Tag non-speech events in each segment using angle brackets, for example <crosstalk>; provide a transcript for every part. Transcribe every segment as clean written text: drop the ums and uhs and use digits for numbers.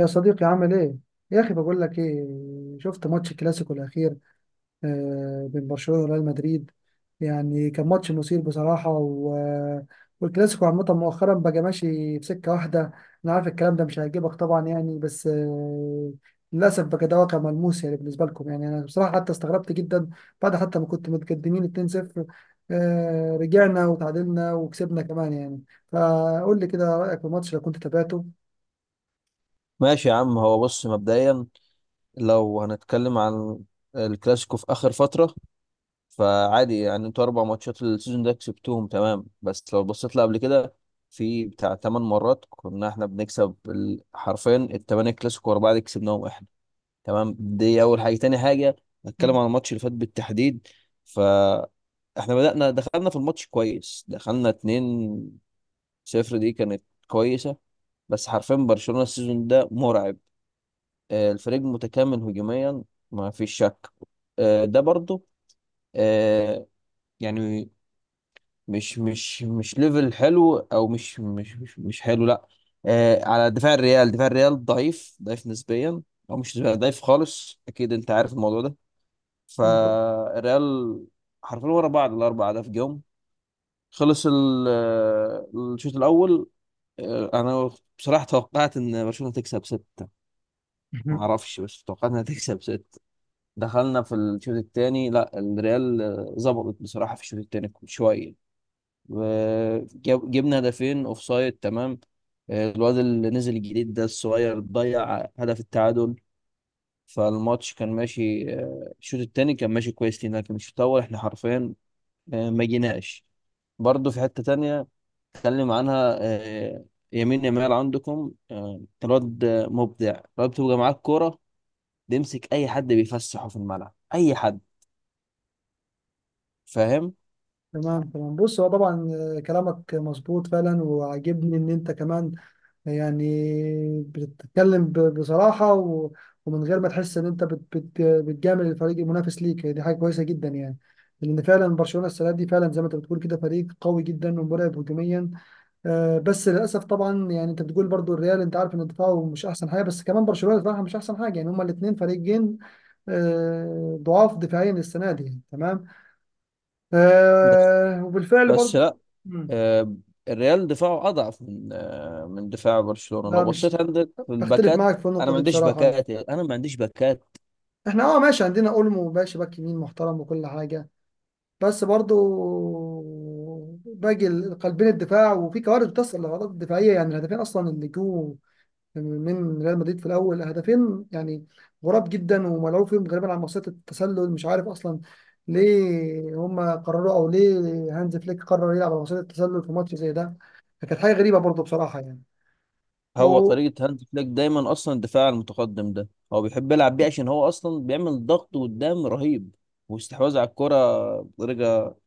يا صديقي عامل ايه؟ يا اخي بقول لك ايه. شفت ماتش الكلاسيكو الاخير؟ بين برشلونة وريال مدريد، يعني كان ماتش مثير بصراحة والكلاسيكو عامة مؤخرا بقى ماشي في سكة واحدة. انا عارف الكلام ده مش هيعجبك طبعا يعني، بس للأسف بقى ده واقع ملموس يعني، بالنسبة لكم يعني انا بصراحة حتى استغربت جدا. بعد حتى ما كنت متقدمين 2-0، رجعنا وتعادلنا وكسبنا كمان يعني. فقول لي كده رأيك في الماتش لو كنت تابعته. ماشي يا عم. هو بص، مبدئيا لو هنتكلم عن الكلاسيكو في آخر فترة، فعادي يعني انتوا أربع ماتشات السيزون ده كسبتوهم، تمام. بس لو بصيت لها قبل كده، في بتاع تمن مرات كنا احنا بنكسب حرفيا التمانية كلاسيكو ورا بعض كسبناهم احنا، تمام. دي أول حاجة. تاني حاجة، هنتكلم عن الماتش اللي فات بالتحديد. ف احنا بدأنا، دخلنا في الماتش كويس، دخلنا 2 صفر، دي كانت كويسة. بس حرفيا برشلونة السيزون ده مرعب. الفريق متكامل هجوميا، ما فيش شك. ده برضو، آه، يعني مش ليفل حلو، او مش حلو، لا. على دفاع الريال ضعيف ضعيف نسبيا، او مش ضعيف خالص، اكيد انت عارف الموضوع ده. فالريال حرفيا ورا بعض الاربع اهداف جم، خلص الشوط الاول. انا بصراحه توقعت ان برشلونه تكسب سته، ما <laughs> اعرفش، بس توقعت انها تكسب سته. دخلنا في الشوط الثاني، لا الريال ظبطت بصراحة في الشوط الثاني شوية، وجبنا هدفين اوف سايد، تمام. الواد اللي نزل الجديد ده الصغير ضيع هدف التعادل. فالماتش كان ماشي، الشوط الثاني كان ماشي كويس لينا، لكن الشوط الأول احنا حرفيا ما جيناش. برضه في حتة تانية اتكلم عنها، يمين، يمال عندكم، الواد مبدع. الواد بتبقى معاك كورة بيمسك أي حد، بيفسحه في الملعب أي حد، فاهم؟ تمام تمام. بص هو طبعا كلامك مظبوط فعلا، وعاجبني ان انت كمان يعني بتتكلم بصراحة ومن غير ما تحس ان انت بت بت بتجامل الفريق المنافس ليك، دي حاجة كويسة جدا يعني. لان فعلا برشلونة السنة دي فعلا زي ما انت بتقول كده فريق قوي جدا ومرعب هجوميا. بس للاسف طبعا، يعني انت بتقول برضو الريال انت عارف ان دفاعه مش احسن حاجة، بس كمان برشلونة دفاعها مش احسن حاجة، يعني هما الاثنين فريقين ضعاف دفاعيا السنة دي. تمام، بس آه، وبالفعل بس برضه. لا، مم. آه، الريال دفاعه اضعف من من دفاع برشلونة، لو لا، مش بصيت عندك في بختلف الباكات. معاك في انا النقطة ما دي عنديش بصراحة يعني. باكات، انا ما عنديش باكات. احنا اه ماشي، عندنا اولمو باشا باك يمين محترم وكل حاجة، بس برضو قلبين الدفاع وفي كوارث بتحصل لغلطات دفاعية. يعني الهدفين اصلا اللي جو من ريال مدريد في الاول، هدفين يعني غراب جدا وملعوب فيهم غالبا على مصيدة التسلل، مش عارف اصلا ليه هما قرروا، او ليه هانز فليك قرر يلعب على مصيدة التسلل في ماتش زي ده، فكانت حاجة غريبة برضو بصراحة يعني. هو بالترجمة نانسي قنقر. طريقة هانز فليك دايما اصلا الدفاع المتقدم ده، هو بيحب يلعب بيه عشان هو اصلا بيعمل ضغط قدام رهيب، واستحواذ على الكرة بطريقة،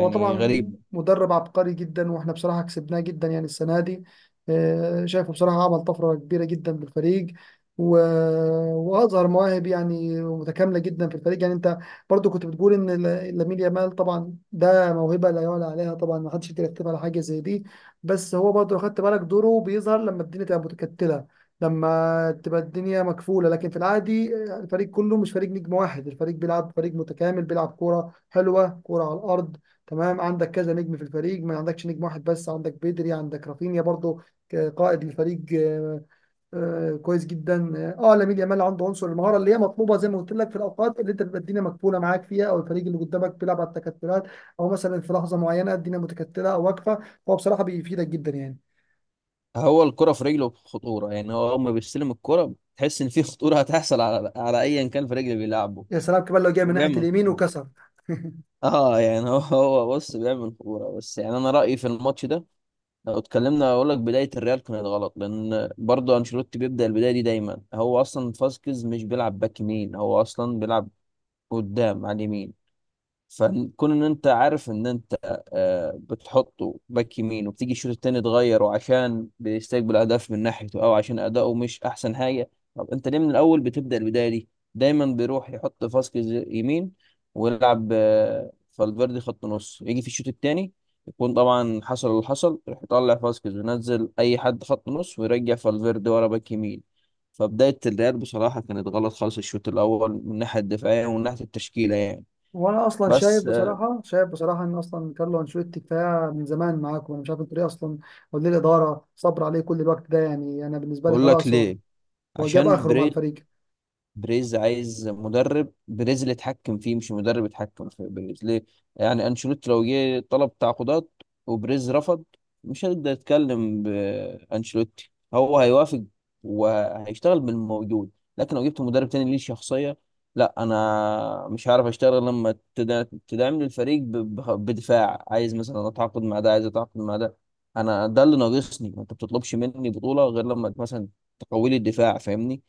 هو طبعا غريبة. مدرب عبقري جدا، واحنا بصراحة كسبناه جدا يعني السنة دي. شايفه بصراحة عمل طفرة كبيرة جدا بالفريق، و... وأظهر مواهب يعني متكاملة جدا في الفريق. يعني أنت برضو كنت بتقول إن لامين يامال طبعا ده موهبة لا يعلى عليها، طبعا ما حدش يقدر يكتب على حاجة زي دي، بس هو برضو لو خدت بالك دوره بيظهر لما الدنيا تبقى متكتلة، لما تبقى الدنيا مكفولة، لكن في العادي الفريق كله مش فريق نجم واحد، الفريق بيلعب فريق متكامل، بيلعب كورة حلوة كورة على الأرض. تمام، عندك كذا نجم في الفريق، ما عندكش نجم واحد بس، عندك بيدري، عندك رافينيا برضو قائد الفريق، آه، كويس جدا. اه لامين يامال عنده عنصر المهاره اللي هي مطلوبه زي ما قلت لك، في الاوقات اللي انت بتبقى الدنيا مقفوله معاك فيها، او الفريق اللي قدامك بيلعب على التكتلات، او مثلا في لحظه معينه الدنيا متكتله او واقفه، فهو بصراحه بيفيدك جدا يعني. هو الكرة في رجله خطورة، يعني هو أول ما بيستلم الكرة تحس إن في خطورة هتحصل، على أيا كان في رجله بيلعبه. يا سلام كمان لو جاي هو من ناحيه بيعمل، اليمين وكسر. <laughs> اه يعني هو <laughs> هو بص بيعمل كوره، بس يعني انا رايي في الماتش ده لو اتكلمنا اقول لك، بدايه الريال كانت غلط، لان برضه انشيلوتي بيبدا البدايه دي دايما. هو اصلا فاسكيز مش بيلعب باك يمين، هو اصلا بيلعب قدام على اليمين. فكون ان انت عارف ان انت بتحطه باك يمين، وبتيجي الشوط التاني تغيره عشان بيستقبل اهداف من ناحيته، او عشان اداؤه مش احسن حاجه، طب انت ليه من الاول بتبدا البدايه دي؟ دايما بيروح يحط فاسكيز يمين ويلعب فالفيردي خط نص، يجي في الشوط التاني يكون طبعا حصل اللي حصل، يروح يطلع فاسكيز وينزل اي حد خط نص، ويرجع فالفيردي ورا باك يمين. فبدايه الريال بصراحه كانت غلط خالص، الشوط الاول من الناحيه الدفاعيه ومن ناحيه التشكيله يعني. وانا اصلا شايف بس بصراحه، شايف بصراحه ان اصلا كارلو انشيلوتي كفايه من زمان معاكم، انا مش عارف انتوا ليه اصلا، او ليه الاداره صبر عليه كل الوقت ده يعني. انا بالنسبه لي اقول لك خلاص، هو ليه، هو جاب عشان اخره مع الفريق. بريز عايز مدرب، بريز اللي يتحكم فيه مش مدرب يتحكم في بريز. ليه؟ يعني انشيلوتي لو جه طلب تعاقدات وبريز رفض، مش هيقدر يتكلم بانشيلوتي، هو هيوافق وهيشتغل بالموجود. لكن لو جبت مدرب تاني ليه شخصية، لا انا مش هعرف اشتغل لما تدعم لي الفريق بدفاع، عايز مثلا اتعاقد مع ده، عايز اتعاقد مع ده، انا ده اللي ناقصني. ما انت بتطلبش مني بطولة غير لما مثلا تقوي لي الدفاع، فاهمني؟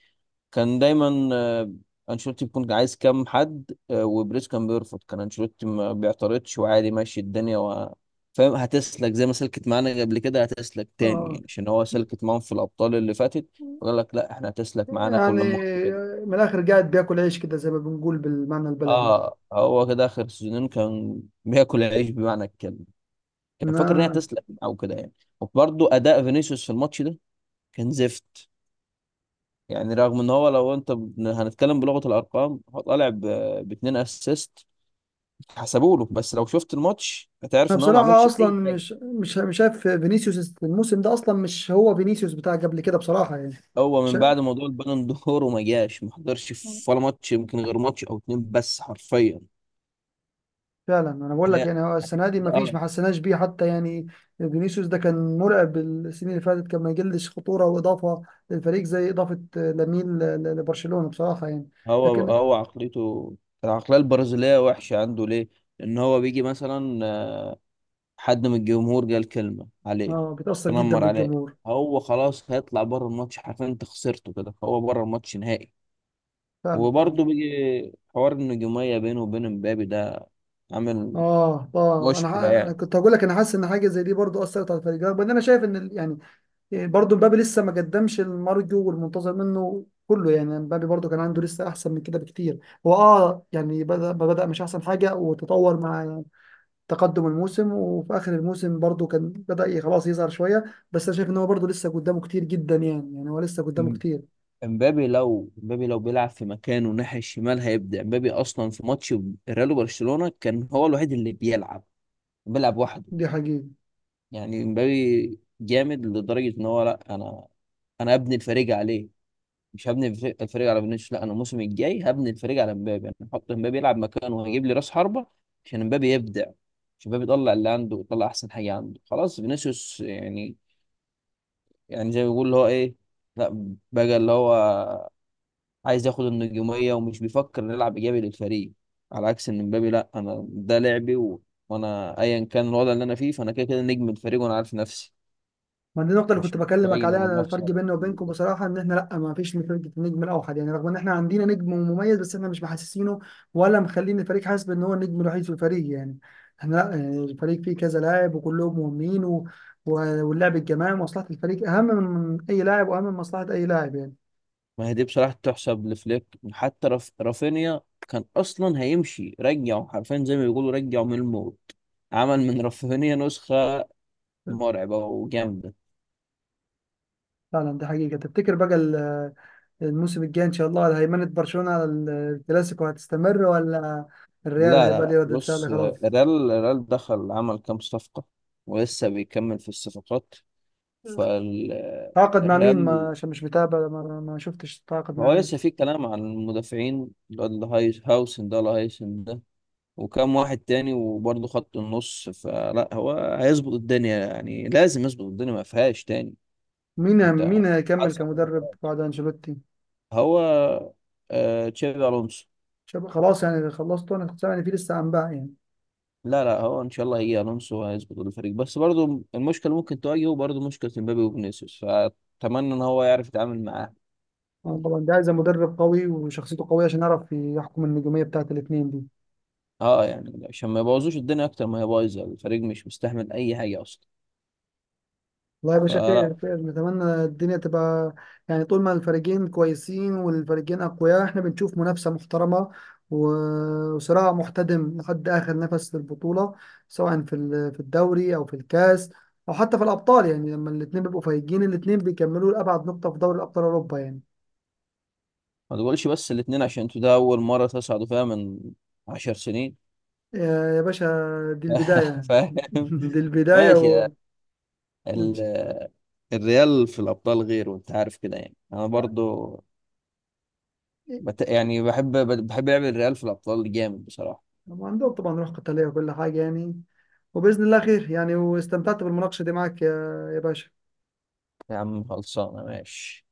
كان دايما انشيلوتي بيكون عايز كام حد، وبريز كان بيرفض، كان انشيلوتي ما بيعترضش وعادي، ماشي الدنيا فاهم. هتسلك زي ما سلكت معانا قبل كده، هتسلك تاني اه، يعني، عشان هو سلكت معاهم في الابطال اللي فاتت، وقال لك لا، احنا هتسلك معانا كل يعني مره كده. من الاخر قاعد بياكل عيش كده زي ما بنقول بالمعنى البلدي. اه هو كده، اخر سيزونين كان بياكل العيش بمعنى الكلمه، كان فاكر ان هي ما هتسلك او كده يعني. وبرضه اداء فينيسيوس في الماتش ده كان زفت. يعني رغم ان هو، لو انت هنتكلم بلغه الارقام، هو طالع باتنين اسيست حسبوا له، بس لو شفت الماتش هتعرف انا ان هو ما بصراحه عملش اصلا اي حاجه. مش شايف فينيسيوس الموسم ده، اصلا مش هو فينيسيوس بتاع قبل كده بصراحه يعني. هو من بعد موضوع البالون دور وما جاش، ما حضرش في ولا ماتش، يمكن غير ماتش او اتنين بس حرفيا. فعلا، انا بقول هي لك يعني هو هي السنه دي ما كده فيش، اه. ما حسيناش بيه حتى يعني. فينيسيوس ده كان مرعب السنين اللي فاتت، كان ما يجلش خطوره واضافه للفريق زي اضافه لامين لبرشلونه بصراحه يعني. هو لكن هو عقليته، العقليه البرازيليه وحشه. عنده ليه؟ ان هو بيجي مثلا حد من الجمهور قال كلمه عليه، اه بيتاثر جدا تنمر عليه، بالجمهور. هو خلاص هيطلع بره الماتش حرفيا، انت خسرته كده، فهو بره الماتش نهائي. فعلا فعلا. وبرضه بيجي حوار النجوميه بينه وبين امبابي ده، عامل اه اه، انا مشكله أنا يعني. كنت هقول لك انا حاسس ان حاجه زي دي برضو اثرت على الفريق، رغم ان انا شايف ان يعني، برضو مبابي لسه ما قدمش المرجو والمنتظر منه كله، يعني مبابي برضو كان عنده لسه احسن من كده بكتير. هو اه يعني بدا، ما بدأ مش احسن حاجه، وتطور مع تقدم الموسم، وفي اخر الموسم برضو كان بدأ خلاص يظهر شويه، بس انا شايف ان هو برضو لسه قدامه كتير جدا، يعني يعني هو لسه قدامه م- كتير. امبابي لو بيلعب في مكانه ناحية الشمال، هيبدع امبابي. اصلا في ماتش ريال وبرشلونة كان هو الوحيد اللي بيلعب، بيلعب وحده. دي حقيقه. يعني امبابي جامد لدرجة ان هو، لا، انا ابني الفريق عليه، مش هبني الفريق على فينيسيوس. لا انا الموسم الجاي هبني الفريق على امبابي، انا هحط امبابي يلعب مكانه، وهجيب لي راس حربة عشان امبابي يبدع، عشان امبابي يطلع اللي عنده، ويطلع احسن حاجة عنده. خلاص فينيسيوس، يعني يعني زي ما بيقول اللي هو، ايه، لا بقى اللي هو عايز ياخد النجومية، ومش بيفكر نلعب إيجابي للفريق. على عكس إن مبابي، لأ، أنا ده لعبي، وأنا أيا كان الوضع اللي أنا فيه، فأنا كده كده نجم الفريق، وأنا عارف نفسي، ما دي النقطه اللي كنت مش بكلمك متعين أنا عليها، الفرق نفسي على بيننا وبينكم ده. بصراحه ان احنا لا، ما فيش فرقه النجم الاوحد يعني، رغم ان احنا عندنا نجم مميز بس احنا مش محسسينه، ولا مخلين الفريق حاسس بان هو النجم الوحيد في الفريق يعني. احنا لا، يعني الفريق فيه كذا لاعب وكلهم مهمين و... واللعب الجماعي، مصلحه الفريق اهم من اي لاعب واهم من مصلحه اي لاعب يعني. ما هي دي بصراحة تحسب لفليك، حتى رافينيا كان أصلا هيمشي، رجعه حرفيا زي ما بيقولوا رجعه من الموت، عمل من رافينيا نسخة مرعبة وجامدة. فعلا دي حقيقه. تفتكر بقى الموسم الجاي ان شاء الله على هيمنة برشلونة على الكلاسيكو هتستمر، ولا الريال لا لا هيبقى ليه لا، ردة بص فعل خلاص؟ الريال، الريال دخل عمل كام صفقة، ولسه بيكمل في الصفقات. تعاقد مع مين؟ ما فالريال، عشان مش متابع، ما, ما شفتش. تعاقد مع هو لسه مين؟ في كلام عن المدافعين، الواد هايس هاوسن ده ولا هايسن ده، وكام واحد تاني، وبرضه خط النص، فلا هو هيظبط الدنيا يعني، لازم يظبط الدنيا ما فيهاش تاني. مين انت مين هيكمل حاسس على كل كمدرب حاجة. بعد انشيلوتي؟ هو تشافي الونسو. خلاص يعني خلصت، انا كنت سامع ان في لسه انباء يعني. لا لا، هو ان شاء الله هيجي الونسو وهيظبط الفريق، بس برضه المشكله اللي ممكن تواجهه، برضه مشكله مبابي وفينيسيوس، فاتمنى ان هو يعرف يتعامل معاها. أنا طبعا ده عايز مدرب قوي وشخصيته قوية عشان يعرف يحكم النجومية بتاعت الاثنين دي. اه يعني عشان ما يبوظوش الدنيا اكتر ما هي بايظه، الفريق مش مستحمل اي حاجه اصلا، والله يا باشا خير فلا. خير، نتمنى الدنيا تبقى، يعني طول ما الفريقين كويسين والفريقين أقوياء احنا بنشوف منافسة محترمة، وصراع محتدم لحد آخر نفس في البطولة، سواء في في الدوري أو في الكاس أو حتى في الأبطال، يعني لما الاتنين بيبقوا فايقين الاتنين بيكملوا لأبعد نقطة في دوري أبطال أوروبا يعني. ما تقولش بس الاتنين، عشان انتوا ده اول مره تصعدوا فيها من 10 سنين. يا يا باشا، دي البداية <laughs> يعني. فاهم. <laughs> دي البداية ماشي. لا، و... ال- الريال في الابطال غير، وانت عارف كده يعني، انا برضو يعني بحب لعب الريال في الابطال جامد بصراحه. عندهم طبعا روح قتالية وكل حاجة يعني، وباذن الله خير يعني. واستمتعت بالمناقشه دي معاك يا يا باشا. يا عم خلصانه، ماشي.